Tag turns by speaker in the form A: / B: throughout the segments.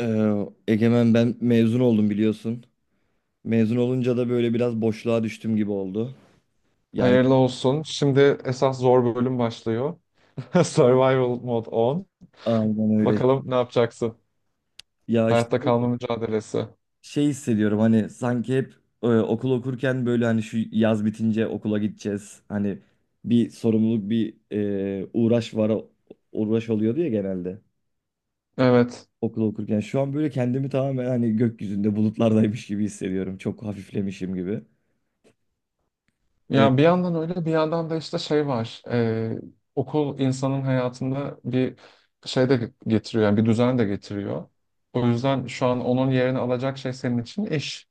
A: Ee, Egemen ben mezun oldum biliyorsun. Mezun olunca da böyle biraz boşluğa düştüm gibi oldu. Yani
B: Hayırlı olsun. Şimdi esas zor bölüm başlıyor. Survival Mode 10.
A: aynen öyle.
B: Bakalım ne yapacaksın?
A: Ya işte
B: Hayatta kalma mücadelesi.
A: şey hissediyorum hani sanki hep okul okurken böyle hani şu yaz bitince okula gideceğiz. Hani bir sorumluluk bir uğraş var uğraş oluyordu ya genelde
B: Evet.
A: okul okurken. Şu an böyle kendimi tamamen hani gökyüzünde bulutlardaymış gibi hissediyorum. Çok hafiflemişim gibi. E,
B: Ya bir yandan öyle bir yandan da işte şey var. Okul insanın hayatında bir şey de getiriyor. Yani bir düzen de getiriyor. O yüzden şu an onun yerini alacak şey senin için iş.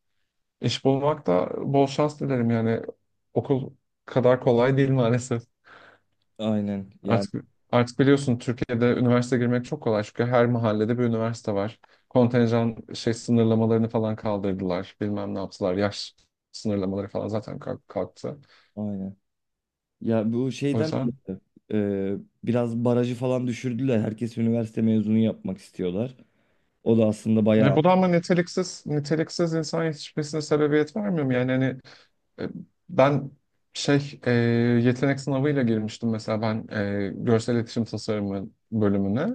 B: İş bulmak da bol şans dilerim yani. Okul kadar kolay değil maalesef.
A: aynen yani
B: Artık artık biliyorsun Türkiye'de üniversite girmek çok kolay çünkü her mahallede bir üniversite var. Kontenjan şey sınırlamalarını falan kaldırdılar. Bilmem ne yaptılar. Yaş sınırlamaları falan zaten kalktı.
A: aynen. Ya bu
B: O
A: şeyden
B: yüzden
A: dolayı, e, biraz barajı falan düşürdüler. Herkes üniversite mezunu yapmak istiyorlar. O da aslında bayağı...
B: bu da ama niteliksiz insan yetişmesine sebebiyet vermiyor mu? Yani hani E, ben şey e, yetenek sınavıyla girmiştim mesela ben görsel iletişim tasarımı bölümüne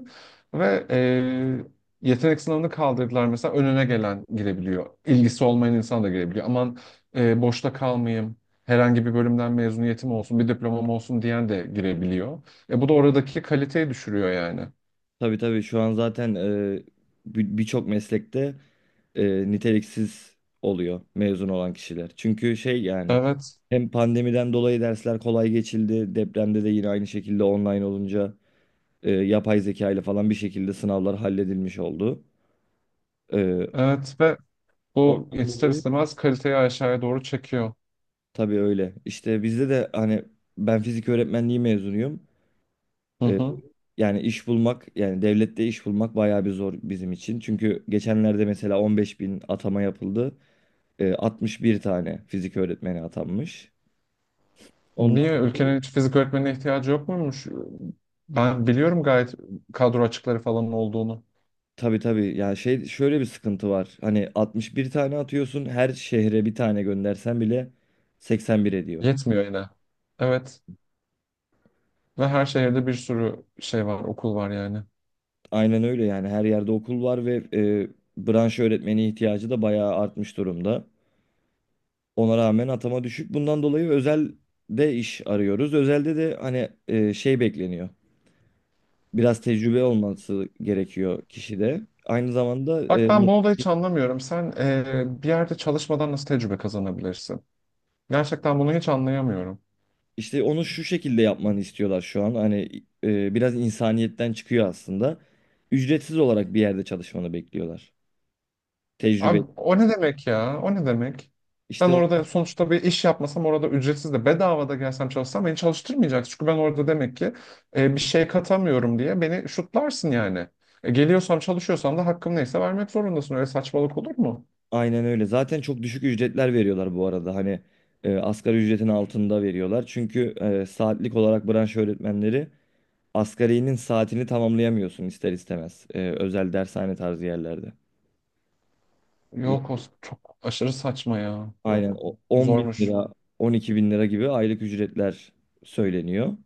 B: ve yetenek sınavını kaldırdılar. Mesela önüne gelen girebiliyor. İlgisi olmayan insan da girebiliyor. Aman boşta kalmayayım. Herhangi bir bölümden mezuniyetim olsun, bir diplomam olsun diyen de girebiliyor. E bu da oradaki kaliteyi düşürüyor yani.
A: Tabii tabii şu an zaten birçok meslekte niteliksiz oluyor mezun olan kişiler. Çünkü şey yani
B: Evet,
A: hem pandemiden dolayı dersler kolay geçildi. Depremde de yine aynı şekilde online olunca yapay zeka ile falan bir şekilde sınavlar halledilmiş oldu. E,
B: evet ve bu
A: ondan
B: ister
A: dolayı.
B: istemez kaliteyi aşağıya doğru çekiyor.
A: Tabii öyle. İşte bizde de hani ben fizik öğretmenliği mezunuyum.
B: Hı
A: Ee,
B: hı.
A: yani iş bulmak yani devlette iş bulmak bayağı bir zor bizim için. Çünkü geçenlerde mesela 15 bin atama yapıldı. 61 tane fizik öğretmeni atanmış. Ondan
B: Niye ülkenin
A: dolayı
B: hiç fizik öğretmenine ihtiyacı yok muymuş? Ben biliyorum gayet kadro açıkları falan olduğunu.
A: tabii tabii yani şey şöyle bir sıkıntı var. Hani 61 tane atıyorsun her şehre bir tane göndersen bile 81 ediyor.
B: Yetmiyor yine. Evet. Ve her şehirde bir sürü şey var, okul var yani.
A: Aynen öyle yani her yerde okul var ve branş öğretmeni ihtiyacı da bayağı artmış durumda. Ona rağmen atama düşük. Bundan dolayı özelde iş arıyoruz. Özelde de hani şey bekleniyor. Biraz tecrübe olması gerekiyor kişide. Aynı zamanda
B: Bak ben bunu da hiç anlamıyorum. Sen bir yerde çalışmadan nasıl tecrübe kazanabilirsin? Gerçekten bunu hiç anlayamıyorum.
A: işte onu şu şekilde yapmanı istiyorlar şu an. Hani biraz insaniyetten çıkıyor aslında. Ücretsiz olarak bir yerde çalışmanı bekliyorlar. Tecrübe.
B: Abi o ne demek ya? O ne demek? Ben
A: İşte o-
B: orada sonuçta bir iş yapmasam, orada ücretsiz de bedava da gelsem çalışsam beni çalıştırmayacak. Çünkü ben orada demek ki bir şey katamıyorum diye beni şutlarsın yani. Geliyorsam çalışıyorsam da hakkım neyse vermek zorundasın. Öyle saçmalık olur mu?
A: aynen öyle. Zaten çok düşük ücretler veriyorlar bu arada. Hani asgari ücretin altında veriyorlar. Çünkü saatlik olarak branş öğretmenleri Asgari'nin saatini tamamlayamıyorsun ister istemez. Özel dershane tarzı yerlerde. Ee,
B: Yok, o çok aşırı saçma ya.
A: Aynen
B: Yok,
A: o 10 bin
B: zormuş.
A: lira, 12 bin lira gibi aylık ücretler söyleniyor.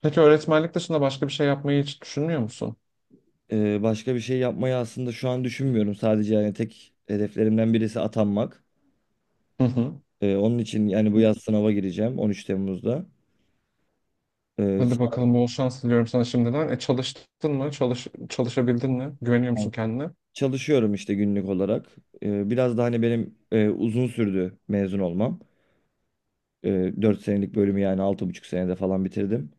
B: Peki öğretmenlik dışında başka bir şey yapmayı hiç düşünmüyor musun?
A: Başka bir şey yapmayı aslında şu an düşünmüyorum. Sadece yani tek hedeflerimden birisi atanmak.
B: Hı hı.
A: Onun için yani bu yaz sınava gireceğim 13 Temmuz'da. Ee,
B: Hadi bakalım bol şans diliyorum sana şimdiden. E çalıştın mı? Çalışabildin mi? Güveniyor musun
A: sınavdan
B: kendine?
A: çalışıyorum işte günlük olarak. Biraz da hani benim uzun sürdü mezun olmam. 4 senelik bölümü yani 6,5 senede falan bitirdim.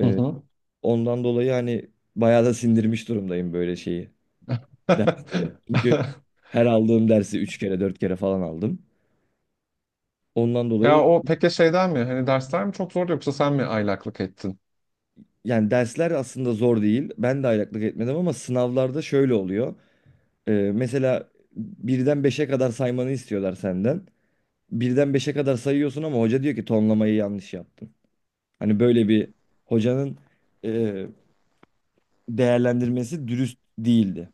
B: Hı
A: E,
B: hı.
A: Ondan dolayı hani bayağı da sindirmiş durumdayım böyle şeyi. Dersleri. Çünkü her aldığım dersi 3 kere 4 kere falan aldım. Ondan
B: Ya
A: dolayı
B: o peki şeyden mi? Hani dersler mi çok zordu yoksa sen mi aylaklık ettin?
A: yani dersler aslında zor değil. Ben de aylaklık etmedim ama sınavlarda şöyle oluyor. Mesela birden beşe kadar saymanı istiyorlar senden. Birden beşe kadar sayıyorsun ama hoca diyor ki tonlamayı yanlış yaptın. Hani böyle bir hocanın e, değerlendirmesi dürüst değildi.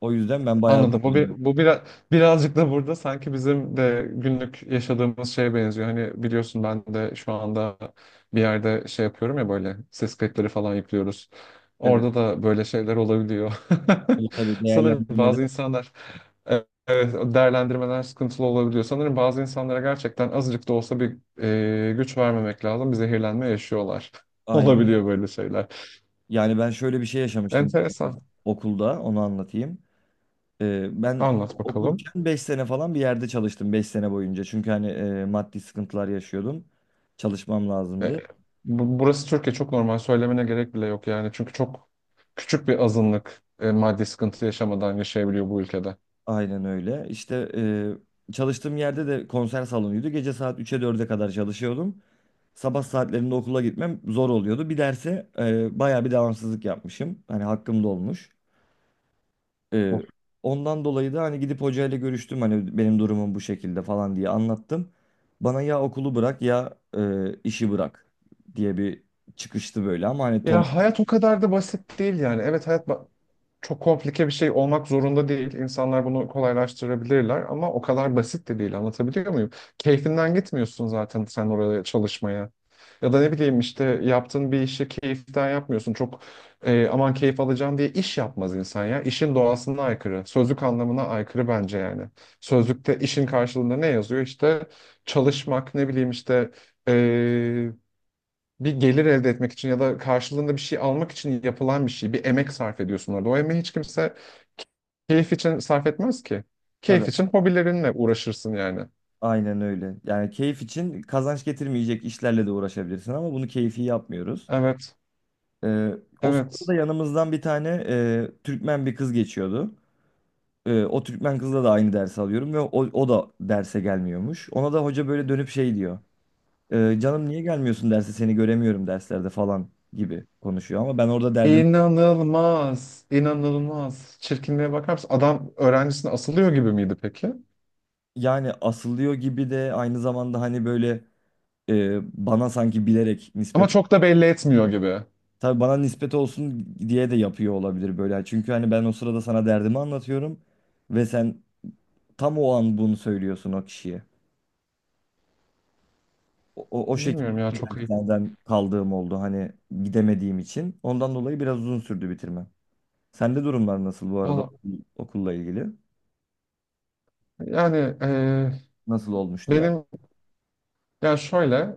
A: O yüzden ben bayağı
B: Anladım. Bu bir,
A: zorlanıyorum.
B: bu biraz birazcık da burada sanki bizim de günlük yaşadığımız şeye benziyor. Hani biliyorsun ben de şu anda bir yerde şey yapıyorum ya, böyle ses kayıtları falan yüklüyoruz.
A: Evet.
B: Orada da böyle şeyler olabiliyor.
A: O tabii
B: Sanırım
A: değerlendirmeler
B: bazı insanlar. Evet, evet, değerlendirmeler sıkıntılı olabiliyor. Sanırım bazı insanlara gerçekten azıcık da olsa bir güç vermemek lazım. Bir zehirlenme yaşıyorlar.
A: aynen.
B: Olabiliyor böyle şeyler.
A: Yani ben şöyle bir şey yaşamıştım
B: Enteresan.
A: okulda onu anlatayım. Ben
B: Anlat bakalım.
A: okurken 5 sene falan bir yerde çalıştım 5 sene boyunca. Çünkü hani maddi sıkıntılar yaşıyordum. Çalışmam
B: E,
A: lazımdı.
B: Burası Türkiye, çok normal. Söylemene gerek bile yok yani. Çünkü çok küçük bir azınlık maddi sıkıntı yaşamadan yaşayabiliyor bu ülkede.
A: Aynen öyle. İşte çalıştığım yerde de konser salonuydu. Gece saat üç'e dörde kadar çalışıyordum. Sabah saatlerinde okula gitmem zor oluyordu. Bir derse bayağı bir devamsızlık yapmışım. Hani hakkım da olmuş. Ee, ondan dolayı da hani gidip hocayla görüştüm hani benim durumum bu şekilde falan diye anlattım. Bana ya okulu bırak ya işi bırak diye bir çıkıştı böyle ama hani
B: Ya hayat o kadar da basit değil yani. Evet hayat çok komplike bir şey olmak zorunda değil. İnsanlar bunu kolaylaştırabilirler ama o kadar basit de değil. Anlatabiliyor muyum? Keyfinden gitmiyorsun zaten sen oraya çalışmaya. Ya da ne bileyim işte yaptığın bir işi keyiften yapmıyorsun. Çok aman keyif alacağım diye iş yapmaz insan ya. İşin doğasına aykırı. Sözlük anlamına aykırı bence yani. Sözlükte işin karşılığında ne yazıyor? İşte çalışmak, ne bileyim işte e, bir gelir elde etmek için ya da karşılığında bir şey almak için yapılan bir şey. Bir emek sarf ediyorsun orada. O emeği hiç kimse keyif için sarf etmez ki.
A: tabii
B: Keyif için hobilerinle uğraşırsın yani.
A: aynen öyle. Yani keyif için kazanç getirmeyecek işlerle de uğraşabilirsin ama bunu keyfi yapmıyoruz.
B: Evet,
A: Ee, o sırada
B: evet.
A: yanımızdan bir tane Türkmen bir kız geçiyordu. O Türkmen kızla da aynı dersi alıyorum ve o, o da derse gelmiyormuş. Ona da hoca böyle dönüp şey diyor. Canım niye gelmiyorsun derse seni göremiyorum derslerde falan gibi konuşuyor. Ama ben orada derdim
B: İnanılmaz, inanılmaz. Çirkinliğe bakar mısın? Adam öğrencisine asılıyor gibi miydi peki?
A: yani asılıyor gibi de aynı zamanda hani böyle bana sanki bilerek
B: Ama
A: nispet
B: çok da belli etmiyor gibi.
A: tabii bana nispet olsun diye de yapıyor olabilir böyle. Hani çünkü hani ben o sırada sana derdimi anlatıyorum ve sen tam o an bunu söylüyorsun o kişiye. O şekilde
B: Bilmiyorum ya, çok ayıp.
A: derslerden kaldığım oldu hani gidemediğim için. Ondan dolayı biraz uzun sürdü bitirmem. Sende durumlar nasıl bu arada
B: Valla
A: okulla ilgili?
B: yani
A: Nasıl olmuştu yani?
B: benim, ya şöyle,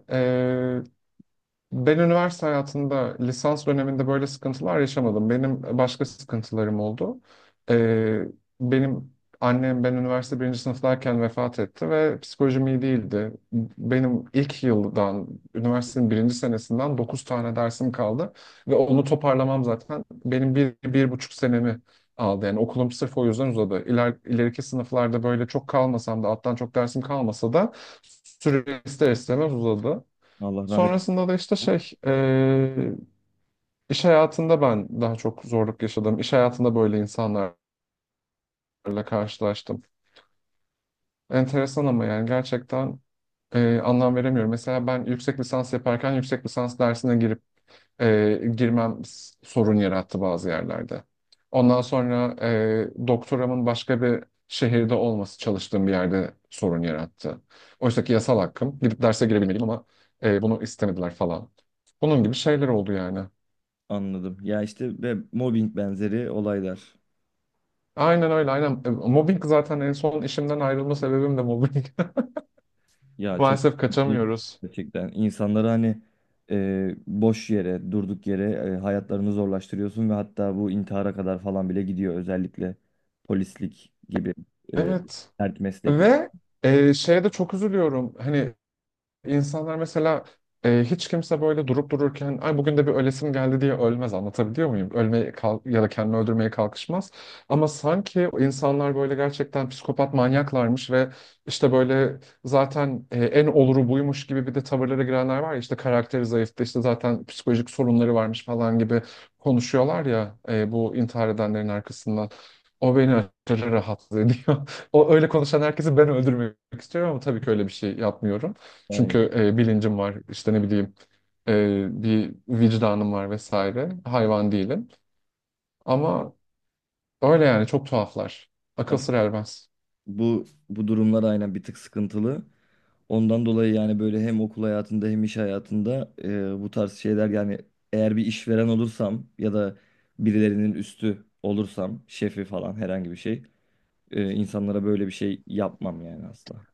B: ben üniversite hayatında lisans döneminde böyle sıkıntılar yaşamadım. Benim başka sıkıntılarım oldu. Ee, Benim annem ben üniversite birinci sınıftayken vefat etti ve psikolojim iyi değildi. Benim ilk yıldan, Üniversitenin birinci senesinden 9 tane dersim kaldı. Ve onu toparlamam zaten 1,5 senemi aldı. Yani okulum sırf o yüzden uzadı. İleriki sınıflarda böyle çok kalmasam da, alttan çok dersim kalmasa da süre ister istemez uzadı.
A: Allah rahmet.
B: Sonrasında da işte şey, iş hayatında ben daha çok zorluk yaşadım. İş hayatında böyle insanlarla karşılaştım. Enteresan ama yani gerçekten anlam veremiyorum. Mesela ben yüksek lisans yaparken yüksek lisans dersine girip girmem sorun yarattı bazı yerlerde. Ondan sonra doktoramın başka bir şehirde olması çalıştığım bir yerde sorun yarattı. Oysa ki yasal hakkım. Gidip derse girebilmeliyim ama bunu istemediler falan. Bunun gibi şeyler oldu yani.
A: Anladım. Ya işte ve mobbing benzeri olaylar.
B: Aynen öyle, aynen. E, mobbing zaten en son işimden ayrılma sebebim de mobbing.
A: Ya çok
B: Maalesef kaçamıyoruz.
A: gerçekten insanları hani boş yere, durduk yere hayatlarını zorlaştırıyorsun ve hatta bu intihara kadar falan bile gidiyor özellikle polislik gibi e,
B: Evet.
A: sert meslekler.
B: Ve şeye de çok üzülüyorum. Hani İnsanlar mesela hiç kimse böyle durup dururken ay bugün de bir ölesim geldi diye ölmez, anlatabiliyor muyum? Ölmeye kal ya da kendini öldürmeye kalkışmaz. Ama sanki o insanlar böyle gerçekten psikopat manyaklarmış ve işte böyle zaten en oluru buymuş gibi bir de tavırlara girenler var ya, işte karakteri zayıftı, işte zaten psikolojik sorunları varmış falan gibi konuşuyorlar ya bu intihar edenlerin arkasından. O beni aşırı rahatsız ediyor. O öyle konuşan herkesi ben öldürmek istiyorum ama tabii ki öyle bir şey yapmıyorum.
A: Aynen.
B: Çünkü bilincim var, işte ne bileyim bir vicdanım var vesaire, hayvan değilim ama öyle yani, çok tuhaflar, akıl sır ermez.
A: Bu durumlar aynen bir tık sıkıntılı. Ondan dolayı yani böyle hem okul hayatında hem iş hayatında bu tarz şeyler yani eğer bir işveren olursam ya da birilerinin üstü olursam şefi falan herhangi bir şey insanlara böyle bir şey yapmam yani asla.